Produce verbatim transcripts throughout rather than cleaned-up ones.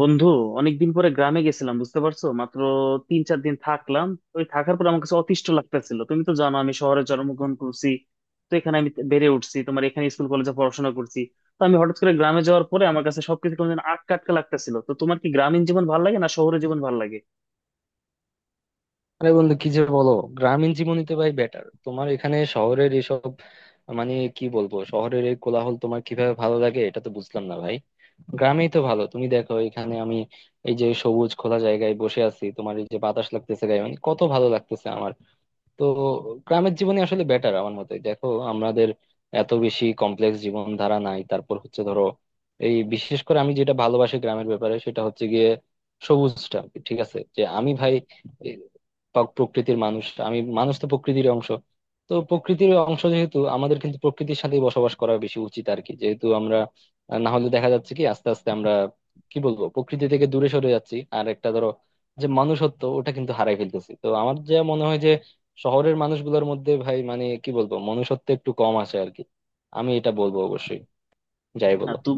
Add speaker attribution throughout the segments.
Speaker 1: বন্ধু, অনেকদিন পরে গ্রামে গেছিলাম, বুঝতে পারছো। মাত্র তিন চার দিন থাকলাম। ওই থাকার পর আমার কাছে অতিষ্ঠ লাগতেছিল। তুমি তো জানো আমি শহরে জন্মগ্রহণ করছি, তো এখানে আমি বেড়ে উঠছি, তোমার এখানে স্কুল কলেজে পড়াশোনা করছি। তো আমি হঠাৎ করে গ্রামে যাওয়ার পরে আমার কাছে সবকিছু কেমন যেন আটকা আটকা লাগতেছিল। তো তোমার কি গ্রামীণ জীবন ভালো লাগে, না শহরের জীবন ভালো লাগে?
Speaker 2: আরে বন্ধু, কি যে বলো। গ্রামীণ জীবনই তো ভাই বেটার। তোমার এখানে শহরের এসব মানে কি বলবো, শহরের এই কোলাহল তোমার কিভাবে ভালো লাগে এটা তো বুঝলাম না ভাই। গ্রামেই তো ভালো, তুমি দেখো এখানে আমি এই যে সবুজ খোলা জায়গায় বসে আছি, তোমার এই যে বাতাস লাগতেছে গায়ে, মানে কত ভালো লাগতেছে আমার। তো গ্রামের জীবনই আসলে বেটার আমার মতে। দেখো আমাদের এত বেশি কমপ্লেক্স জীবনধারা নাই। তারপর হচ্ছে ধরো, এই বিশেষ করে আমি যেটা ভালোবাসি গ্রামের ব্যাপারে সেটা হচ্ছে গিয়ে সবুজটা। ঠিক আছে যে আমি ভাই এই প্রাক- প্রকৃতির মানুষ। আমি মানুষ তো প্রকৃতির অংশ। তো প্রকৃতির অংশ যেহেতু আমাদের কিন্তু প্রকৃতির সাথেই বসবাস করা বেশি উচিত আর কি, যেহেতু আমরা আহ, না হলে দেখা যাচ্ছে কি আস্তে আস্তে আমরা কি বলবো প্রকৃতি থেকে দূরে সরে যাচ্ছি। আর একটা ধরো, যে মানুষত্ব ওটা কিন্তু হারাই ফেলতেছি। তো আমার যা মনে হয় শহরের মানুষগুলোর মধ্যে ভাই মানে কি বলবো মনুষ্যত্ব একটু কম আছে আর কি। আমি এটা বলবো অবশ্যই, যাই
Speaker 1: না,
Speaker 2: বলো।
Speaker 1: তু-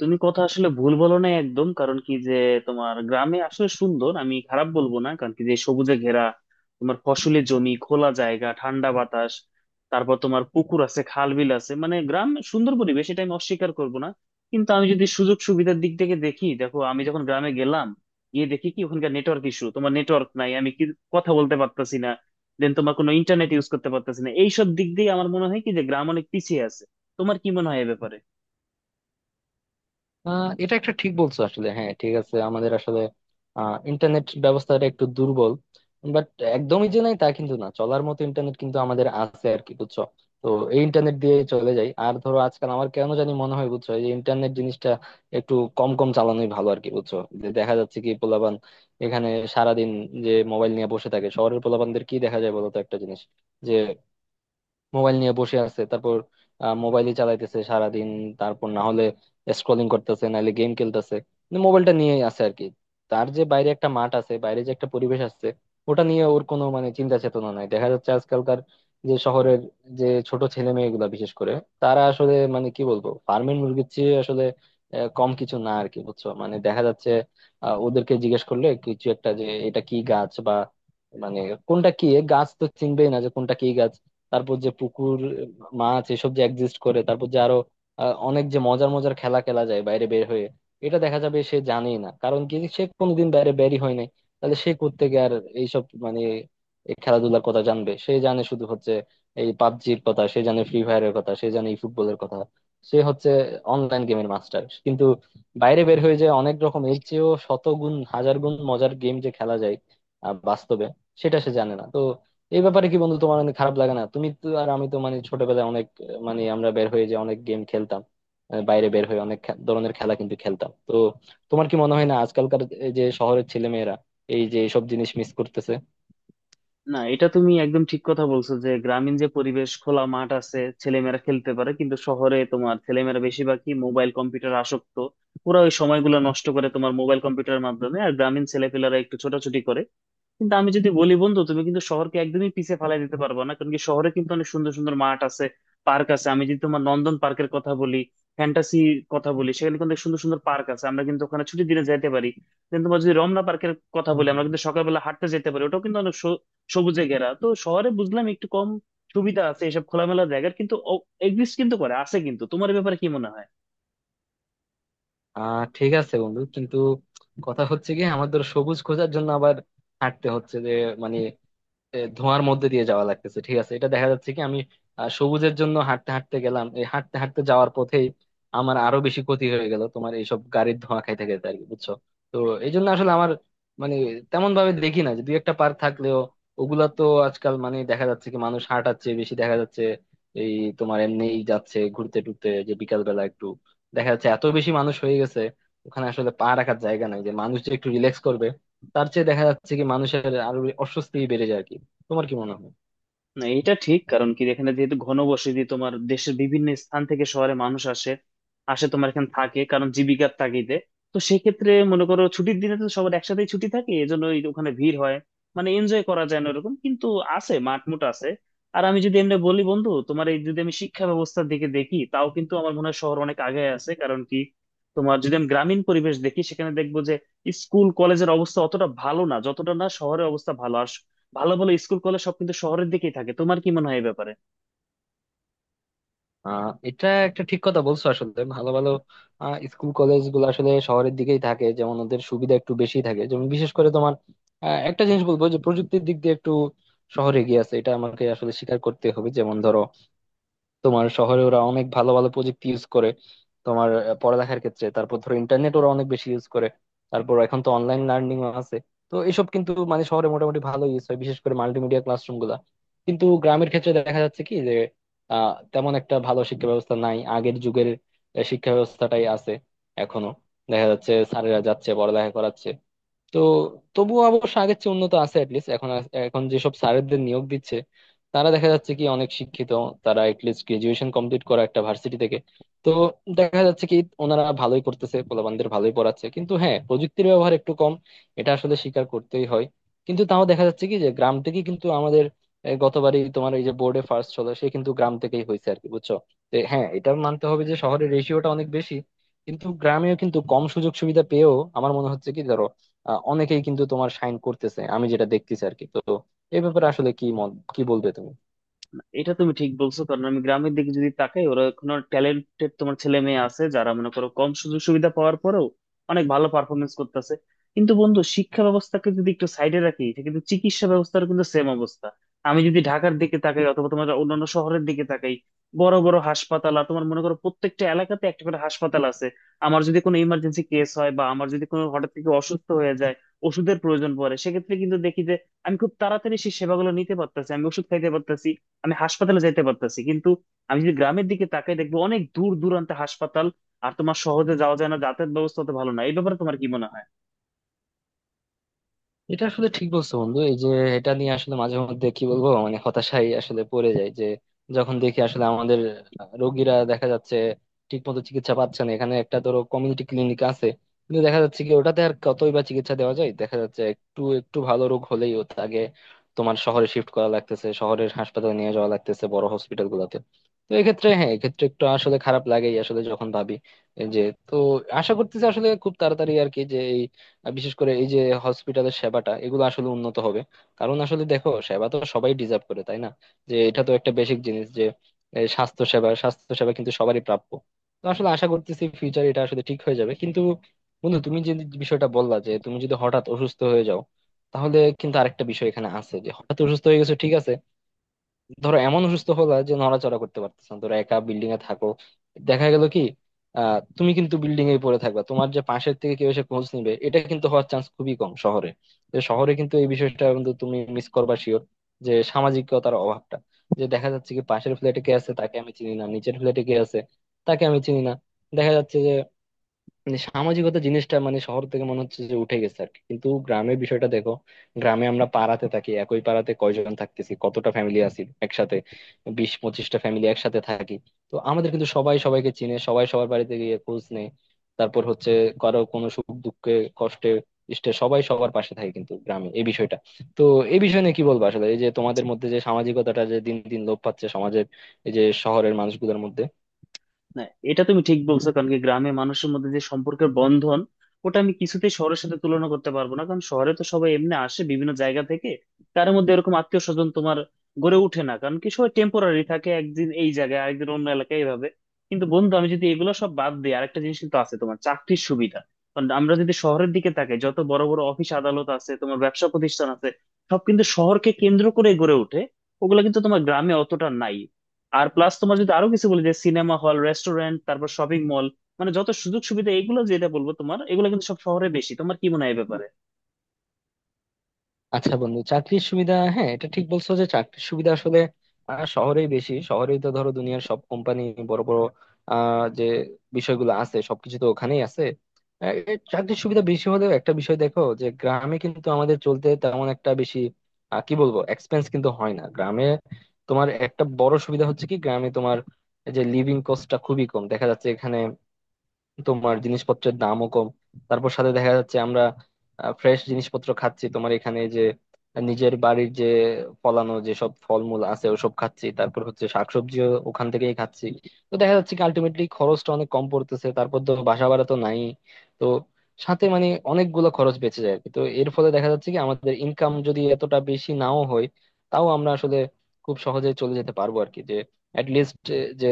Speaker 1: তুমি কথা আসলে ভুল বলো না একদম। কারণ কি যে তোমার গ্রামে আসলে সুন্দর, আমি খারাপ বলবো না। কারণ কি যে সবুজে ঘেরা, তোমার ফসলের জমি, খোলা জায়গা, ঠান্ডা বাতাস, তারপর তোমার পুকুর আছে, খাল বিল আছে, মানে গ্রাম সুন্দর পরিবেশ, এটা আমি অস্বীকার করবো না। কিন্তু আমি যদি সুযোগ সুবিধার দিক থেকে দেখি, দেখো, আমি যখন গ্রামে গেলাম, গিয়ে দেখি কি ওখানকার নেটওয়ার্ক ইস্যু, তোমার নেটওয়ার্ক নাই, আমি কি কথা বলতে পারতাছি না, দেন তোমার কোনো ইন্টারনেট ইউজ করতে পারতাছি না। এইসব দিক দিয়ে আমার মনে হয় কি যে গ্রাম অনেক পিছিয়ে আছে। তোমার কি মনে হয় এ ব্যাপারে?
Speaker 2: আহ, এটা একটা ঠিক বলছো আসলে, হ্যাঁ ঠিক আছে। আমাদের আসলে ইন্টারনেট ব্যবস্থাটা একটু দুর্বল, বাট একদমই যে নাই তা কিন্তু না, চলার মতো ইন্টারনেট কিন্তু আমাদের আছে আর কি, বুঝছো। তো এই ইন্টারনেট দিয়ে চলে যাই। আর ধরো আজকাল আমার কেন জানি মনে হয় বুঝছো, এই যে ইন্টারনেট জিনিসটা একটু কম কম চালানোই ভালো আর কি, বুঝছো। যে দেখা যাচ্ছে কি পোলাপান এখানে সারাদিন যে মোবাইল নিয়ে বসে থাকে, শহরের পোলাপানদের কি দেখা যায় বলতো একটা জিনিস। মোবাইল নিয়ে বসে আছে, তারপর মোবাইলই চালাইতেছে সারাদিন। তারপর না হলে স্ক্রলিং করতেছে, নাহলে গেম খেলতেছে, মানে মোবাইলটা নিয়ে আছে আর কি। তার যে বাইরে একটা মাঠ আছে, বাইরে যে একটা পরিবেশ আছে, ওটা নিয়ে ওর কোনো মানে চিন্তা চেতনা নাই। দেখা যাচ্ছে আজকালকার যে শহরের যে ছোট ছেলে মেয়েগুলা বিশেষ করে তারা আসলে মানে কি বলবো ফার্মের মুরগির চেয়ে আসলে আহ, কম কিছু না আর কি, বুঝছো। মানে দেখা যাচ্ছে, আহ, ওদেরকে জিজ্ঞেস করলে কিছু একটা যে এটা কি গাছ বা মানে কোনটা কি গাছ তো চিনবেই না, যে কোনটা কি। তারপর যে পুকুর মাছ এসব যে এক্সিস্ট করে, তারপর যে আরো আহ, অনেক যে মজার মজার খেলা খেলা যায় বাইরে বের হয়ে, এটা দেখা যাবে সে জানেই না, কারণ কি সে কোনোদিন বাইরে বেরই হয় নাই। তাহলে সে কোত্থেকে আর এইসব মানে এই খেলাধুলার কথা জানবে। সে জানে শুধু হচ্ছে এই পাবজির কথা সে জানে, ফ্রি ফায়ারের কথা সে জানে, এই ফুটবলের কথা। সে হচ্ছে অনলাইন গেমের মাস্টার, কিন্তু বাইরে বের হয়ে যে অনেক রকম এর চেয়েও শত গুণ হাজার গুণ মজার গেম যে খেলা যায় আহ, বাস্তবে, সেটা সে জানে না। তো এই ব্যাপারে কি বন্ধু তোমার অনেক খারাপ লাগে না? তুমি তো আর আমি তো মানে ছোটবেলায় অনেক আহ, মানে আমরা বের হয়ে যে অনেক গেম খেলতাম। আহ, বাইরে বের হয়ে অনেক খে- ধরনের খেলা কিন্তু খেলতাম তো। তোমার কি মনে হয় না আজকালকার এই যে শহরের ছেলে মেয়েরা এই যে সব জিনিস মিস করতেছে?
Speaker 1: না, এটা তুমি একদম ঠিক কথা বলছো যে গ্রামীণ যে পরিবেশ, খোলা মাঠ আছে, ছেলেমেয়েরা খেলতে পারে, কিন্তু শহরে তোমার ছেলেমেয়েরা বেশিরভাগই মোবাইল কম্পিউটার আসক্ত। ওরা ওই সময়গুলো নষ্ট করে তোমার মোবাইল কম্পিউটারের মাধ্যমে, আর গ্রামীণ ছেলেপেলেরা একটু ছোটাছুটি করে। কিন্তু আমি যদি বলি বন্ধু, তুমি কিন্তু শহরকে একদমই পিছিয়ে ফেলাই দিতে পারবে না। কারণ কি, শহরে কিন্তু অনেক সুন্দর সুন্দর মাঠ আছে, পার্ক আছে। আমি যদি তোমার নন্দন পার্কের কথা বলি, ফ্যান্টাসি কথা বলি, সেখানে কিন্তু অনেক সুন্দর সুন্দর পার্ক আছে, আমরা কিন্তু ওখানে ছুটির দিনে যেতে পারি। দেন তোমার যদি রমনা পার্কের কথা
Speaker 2: হুম,
Speaker 1: বলি, আমরা
Speaker 2: হুম।
Speaker 1: কিন্তু সকালবেলা হাঁটতে যেতে পারি, ওটাও কিন্তু অনেক সো- সবুজে ঘেরা। তো শহরে বুঝলাম একটু কম সুবিধা আছে এসব খোলামেলা জায়গার, কিন্তু এক্সিস্ট কিন্তু করে আছে। কিন্তু তোমার এ ব্যাপারে কি মনে হয়?
Speaker 2: আহ ঠিক আছে বন্ধু, কিন্তু কথা হচ্ছে কি আমাদের সবুজ খোঁজার জন্য আবার হাঁটতে হচ্ছে যে মানে এ, ধোঁয়ার মধ্যে দিয়ে যাওয়া লাগতেছে। ঠিক আছে, এটা দেখা যাচ্ছে কি আমি আহ, সবুজের জন্য হাঁটতে হাঁটতে গেলাম, এই হাঁটতে হাঁটতে যাওয়ার পথেই আমার আরো বেশি ক্ষতি হয়ে গেল তোমার এইসব গাড়ির ধোঁয়া খাইতে খাইতে আর কি, বুঝছো। তো এই জন্য আসলে আমার মানে তেমন ভাবে দেখি না, যে দুই একটা পার্ক থাকলেও ওগুলা তো আজকাল মানে দেখা যাচ্ছে কি মানুষ হাঁটাচ্ছে বেশি, দেখা যাচ্ছে এই তোমার এমনিই যাচ্ছে ঘুরতে টুরতে যে বিকাল বেলা একটু, দেখা যাচ্ছে এত বেশি মানুষ হয়ে গেছে ওখানে আসলে পা রাখার জায়গা নাই যে মানুষ যে একটু রিল্যাক্স করবে। তার চেয়ে দেখা যাচ্ছে কি মানুষের আরো অস্বস্তি বেড়ে যায়। তোমার কি মনে হয়?
Speaker 1: না, এটা ঠিক। কারণ কি, এখানে যেহেতু ঘনবসতি, তোমার দেশের বিভিন্ন স্থান থেকে শহরে মানুষ আসে, আসে তোমার এখানে থাকে কারণ জীবিকার তাগিদে। তো সেক্ষেত্রে মনে করো, ছুটির দিনে তো সবার একসাথেই ছুটি থাকে, এজন্য ওই ওখানে ভিড় হয়, মানে এনজয় করা যায় না ওরকম, কিন্তু আছে মাঠ মুঠ আছে। আর আমি যদি এমনি বলি বন্ধু, তোমার এই যদি আমি শিক্ষা ব্যবস্থার দিকে দেখি, তাও কিন্তু আমার মনে হয় শহর অনেক আগে আছে। কারণ কি, তোমার যদি আমি গ্রামীণ পরিবেশ দেখি, সেখানে দেখবো যে স্কুল কলেজের অবস্থা অতটা ভালো না যতটা না শহরের অবস্থা ভালো। আর ভালো ভালো স্কুল কলেজ সব কিন্তু শহরের দিকেই থাকে। তোমার কি মনে হয় এই ব্যাপারে?
Speaker 2: আহ এটা একটা ঠিক কথা বলছো আসলে, ভালো ভালো আহ, স্কুল কলেজ গুলো আসলে শহরের দিকেই থাকে, যেমন ওদের সুবিধা একটু বেশি থাকে। যেমন বিশেষ করে তোমার আহ, একটা জিনিস বলবো যে প্রযুক্তির দিক দিয়ে একটু শহরে এগিয়ে আছে, এটা আমাকে আসলে স্বীকার করতে হবে। যেমন ধরো তোমার শহরে ওরা অনেক ভালো ভালো প্রযুক্তি ইউজ করে তোমার, আহ, পড়ালেখার ক্ষেত্রে। তারপর ধরো ইন্টারনেট ওরা অনেক বেশি ইউজ করে। তারপর এখন তো অনলাইন লার্নিং আছে। তো এসব কিন্তু মানে শহরে মোটামুটি ভালো ইউজ হয়, বিশেষ করে মাল্টিমিডিয়া ক্লাসরুম গুলা। কিন্তু গ্রামের ক্ষেত্রে দেখা যাচ্ছে কি যে আহ তেমন একটা ভালো শিক্ষা ব্যবস্থা নাই, আগের যুগের আহ, শিক্ষা ব্যবস্থাটাই আছে এখনো। দেখা যাচ্ছে স্যারেরা যাচ্ছে পড়ালেখা করাচ্ছে। তো তবুও অবশ্য আগের চেয়ে উন্নত আছে অ্যাটলিস্ট। এখন আ- এখন যেসব স্যারেদের নিয়োগ দিচ্ছে তারা দেখা যাচ্ছে কি অনেক শিক্ষিত। তারা অ্যাটলিস্ট গ্রাজুয়েশন কমপ্লিট করা একটা ভার্সিটি থেকে। তো দেখা যাচ্ছে কি ওনারা ভালোই করতেছে, পোলাপানদের ভালোই পড়াচ্ছে, কিন্তু হ্যাঁ প্রযুক্তির ব্যবহার একটু কম, এটা আসলে স্বীকার করতেই হয়। কিন্তু তাও দেখা যাচ্ছে কি যে গ্রাম থেকেই কিন্তু আমাদের এ, গতবারই তোমার এই যে বোর্ডে ফার্স্ট হলো সে কিন্তু গ্রাম থেকেই হয়েছে আর কি, বুঝছো। তো হ্যাঁ এটা মানতে হবে যে শহরের রেশিওটা অনেক বেশি কিন্তু গ্রামেও কিন্তু কম সুযোগ সুবিধা পেয়েও আমার মনে হচ্ছে কি আহ, অনেকেই কিন্তু তোমার সাইন করতেছে, আমি যেটা দেখতেছি আর কি। তো এই ব্যাপারে আসলে কি মত কি বলবে তুমি?
Speaker 1: এটা তুমি ঠিক বলছো। কারণ আমি গ্রামের দিকে যদি তাকাই, ওরা এখন ট্যালেন্টেড তোমার ছেলে মেয়ে আছে, যারা মনে করো কম সুযোগ সুবিধা পাওয়ার পরেও অনেক ভালো পারফরমেন্স করতেছে। কিন্তু বন্ধু, শিক্ষা ব্যবস্থাকে যদি একটু সাইডে রাখি, সে কিন্তু চিকিৎসা ব্যবস্থার কিন্তু সেম অবস্থা। আমি যদি ঢাকার দিকে তাকাই অথবা তোমার অন্যান্য শহরের দিকে তাকাই, বড় বড় হাসপাতাল, আর তোমার মনে করো প্রত্যেকটা এলাকাতে একটা করে হাসপাতাল আছে। আমার যদি কোনো ইমার্জেন্সি কেস হয়, বা আমার যদি কোনো হঠাৎ থেকে অসুস্থ হয়ে যায়, ওষুধের প্রয়োজন পড়ে, সেক্ষেত্রে কিন্তু দেখি যে আমি খুব তাড়াতাড়ি সেই সেবাগুলো নিতে পারতেছি, আমি ওষুধ খাইতে পারতেছি, আমি হাসপাতালে যেতে পারতেছি। কিন্তু আমি যদি গ্রামের দিকে তাকাই, দেখবো অনেক দূর দূরান্তে হাসপাতাল, আর তোমার শহরে যাওয়া যায় না, যাতায়াত ব্যবস্থা তো ভালো না। এই ব্যাপারে তোমার কি মনে হয়?
Speaker 2: এটা আসলে ঠিক বলছো বন্ধু, এই যে এটা নিয়ে আসলে মাঝে মধ্যে কি বলবো মানে হতাশাই আসলে পড়ে যায় যে যখন দেখি আসলে আমাদের রোগীরা দেখা যাচ্ছে ঠিক মতো চিকিৎসা পাচ্ছে না। এখানে একটা ধরো কমিউনিটি ক্লিনিক আছে, কিন্তু দেখা যাচ্ছে কি ওটাতে আর কতই বা চিকিৎসা দেওয়া যায়। দেখা যাচ্ছে একটু একটু ভালো রোগ হলেই ওর আগে তোমার শহরে শিফট করা লাগতেছে, শহরের হাসপাতালে নিয়ে যাওয়া লাগতেছে বড় হসপিটাল গুলোতে। তো এক্ষেত্রে হ্যাঁ এক্ষেত্রে একটু আসলে খারাপ লাগেই আসলে যখন ভাবি এই যে। তো আশা করতেছি আসলে খুব তাড়াতাড়ি আর কি, যে আর বিশেষ করে এই যে হসপিটালের সেবাটা এগুলো আসলে উন্নত হবে। কারণ আসলে দেখো সেবা তো সবাই ডিজার্ভ করে তাই না, যে এটা তো একটা বেসিক জিনিস, যে এই স্বাস্থ্য সেবা স্বাস্থ্য সেবা কিন্তু সবারই প্রাপ্য। তো আসলে আশা করতেছি ফিউচার এটা আসলে ঠিক হয়ে যাবে। কিন্তু বন্ধু তুমি যে বিষয়টা বললা যে তুমি যদি হঠাৎ অসুস্থ হয়ে যাও, তাহলে কিন্তু আরেকটা বিষয় এখানে আছে যে হঠাৎ অসুস্থ হয়ে গেছো ঠিক আছে, ধরো এমন অসুস্থ হলা যে নড়াচড়া করতে পারতেছ না, ধরো একা বিল্ডিং এ থাকো। দেখা গেল কি আহ তুমি কিন্তু বিল্ডিং এ পড়ে থাকবা, তোমার যে পাশের থেকে কেউ এসে খোঁজ নিবে এটা কিন্তু হওয়ার চান্স খুবই কম শহরে। যে শহরে কিন্তু এই বিষয়টা কিন্তু তুমি মিস করবা শিওর, যে সামাজিকতার অভাবটা, যে দেখা যাচ্ছে কি পাশের ফ্ল্যাটে কে আছে তাকে আমি চিনি না, নিচের ফ্ল্যাটে কে আছে তাকে আমি চিনি না। দেখা যাচ্ছে যে মানে সামাজিকতা জিনিসটা মানে শহর থেকে মনে হচ্ছে যে উঠে গেছে আর কি। কিন্তু গ্রামের বিষয়টা দেখো, গ্রামে আমরা পাড়াতে থাকি, একই পাড়াতে কয়জন থাকতেছি কতটা ফ্যামিলি আছি একসাথে, বিশ পঁচিশটা ফ্যামিলি একসাথে থাকি। তো আমাদের কিন্তু সবাই সবাইকে চিনে, সবাই সবার বাড়িতে গিয়ে খোঁজ নেয়। তারপর হচ্ছে কারো কোনো সুখ দুঃখে কষ্টে ইষ্টে সবাই সবার পাশে থাকে, কিন্তু গ্রামে এই বিষয়টা। তো এই বিষয় নিয়ে কি বলবো আসলে এই যে তোমাদের মধ্যে যে সামাজিকতাটা যে দিন দিন লোপ পাচ্ছে সমাজের, এই যে শহরের মানুষগুলোর মধ্যে।
Speaker 1: না, এটা তুমি ঠিক বলছো। কারণ কি, গ্রামে মানুষের মধ্যে যে সম্পর্কের বন্ধন, ওটা আমি কিছুতেই শহরের সাথে তুলনা করতে পারবো না। কারণ শহরে তো সবাই এমনি আসে বিভিন্ন জায়গা থেকে, তার মধ্যে এরকম আত্মীয় স্বজন তোমার গড়ে ওঠে না। কারণ কি, সবাই টেম্পোরারি থাকে, একদিন এই জায়গায়, আরেকদিন অন্য এলাকায়, এইভাবে। কিন্তু বন্ধু, আমি যদি এগুলো সব বাদ দিই, আরেকটা জিনিস কিন্তু আছে, তোমার চাকরির সুবিধা। কারণ আমরা যদি শহরের দিকে তাকাই, যত বড় বড় অফিস আদালত আছে, তোমার ব্যবসা প্রতিষ্ঠান আছে, সব কিন্তু শহরকে কেন্দ্র করে গড়ে ওঠে, ওগুলো কিন্তু তোমার গ্রামে অতটা নাই। আর প্লাস তোমার যদি আরো কিছু বলি, যে সিনেমা হল, রেস্টুরেন্ট, তারপর শপিং মল, মানে যত সুযোগ সুবিধা, এগুলো যেটা বলবো তোমার, এগুলো কিন্তু সব শহরে বেশি। তোমার কি মনে হয় এই ব্যাপারে?
Speaker 2: আচ্ছা বন্ধু, চাকরির সুবিধা হ্যাঁ এটা ঠিক বলছো যে চাকরির সুবিধা আসলে আহ, শহরেই বেশি। শহরেই তো ধরো দুনিয়ার সব কোম্পানি বড় বড় আহ, যে বিষয়গুলো আছে সবকিছু তো ওখানেই আছে। আহ, এ চাকরির সুবিধা বেশি হলেও একটা বিষয় দেখো, যে গ্রামে কিন্তু আমাদের চলতে তেমন একটা বেশি আহ, কি বলবো এক্সপেন্স কিন্তু হয় না গ্রামে। তোমার একটা বড় সুবিধা হচ্ছে কি গ্রামে, তোমার এই যে লিভিং কস্টটা খুবই কম দেখা যাচ্ছে এখানে, তোমার জিনিসপত্রের দামও কম। তারপর সাথে দেখা যাচ্ছে আমরা ফ্রেশ জিনিসপত্র খাচ্ছি তোমার, এখানে যে নিজের বাড়ির যে ফলানো যেসব ফলমূল আছে ওসব খাচ্ছি, তারপর হচ্ছে শাকসবজিও ওখান থেকেই খাচ্ছি। তো দেখা যাচ্ছে কি আলটিমেটলি খরচটা অনেক কম পড়তেছে, তারপর তো বাসা ভাড়া তো নাই। তো সাথে মানে অনেকগুলো খরচ বেঁচে যায় আর কি। তো এর ফলে দেখা যাচ্ছে কি আমাদের ইনকাম যদি এতটা বেশি নাও হয়, তাও আমরা আসলে খুব সহজে চলে যেতে পারবো আর কি। যে অ্যাটলিস্ট যে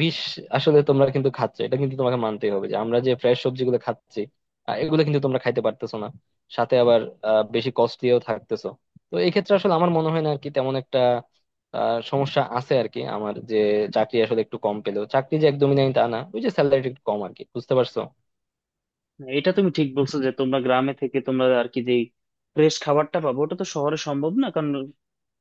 Speaker 2: বিষ আসলে তোমরা কিন্তু খাচ্ছ এটা কিন্তু তোমাকে মানতেই হবে, যে আমরা যে ফ্রেশ সবজিগুলো খাচ্ছি আহ, এগুলো কিন্তু তোমরা খাইতে পারতেছো না, সাথে আবার আহ, বেশি কস্টলিও থাকতেছো। তো এই ক্ষেত্রে আসলে আমার মনে হয় না আর কি তেমন একটা আহ, সমস্যা আছে আর কি, আমার যে চাকরি আসলে একটু কম পেলেও চাকরি যে একদমই নাই তা না, ওই যে স্যালারি একটু কম আর কি, বুঝতে পারছো?
Speaker 1: এটা তুমি ঠিক বলছো যে তোমরা গ্রামে থেকে তোমরা আর কি যে ফ্রেশ খাবারটা পাবো, ওটা তো শহরে সম্ভব না। কারণ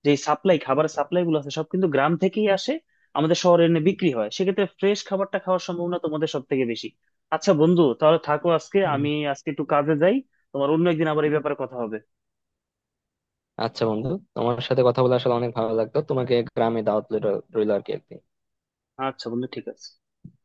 Speaker 1: যে সাপ্লাই, খাবার সাপ্লাই গুলো আছে সব কিন্তু গ্রাম থেকেই আসে, আমাদের শহরে এনে বিক্রি হয়, সেক্ষেত্রে ফ্রেশ খাবারটা খাওয়ার সম্ভাবনা তোমাদের সব থেকে বেশি। আচ্ছা বন্ধু, তাহলে থাকো, আজকে
Speaker 2: হুম।
Speaker 1: আমি আজকে একটু কাজে যাই। তোমার অন্য একদিন আবার এই ব্যাপারে কথা হবে।
Speaker 2: আচ্ছা বন্ধু, তোমার সাথে কথা বলে আসলে অনেক ভালো লাগতো, তোমাকে গ্রামে দাওয়াত রইলো আর কি একদিন।
Speaker 1: আচ্ছা বন্ধু, ঠিক আছে।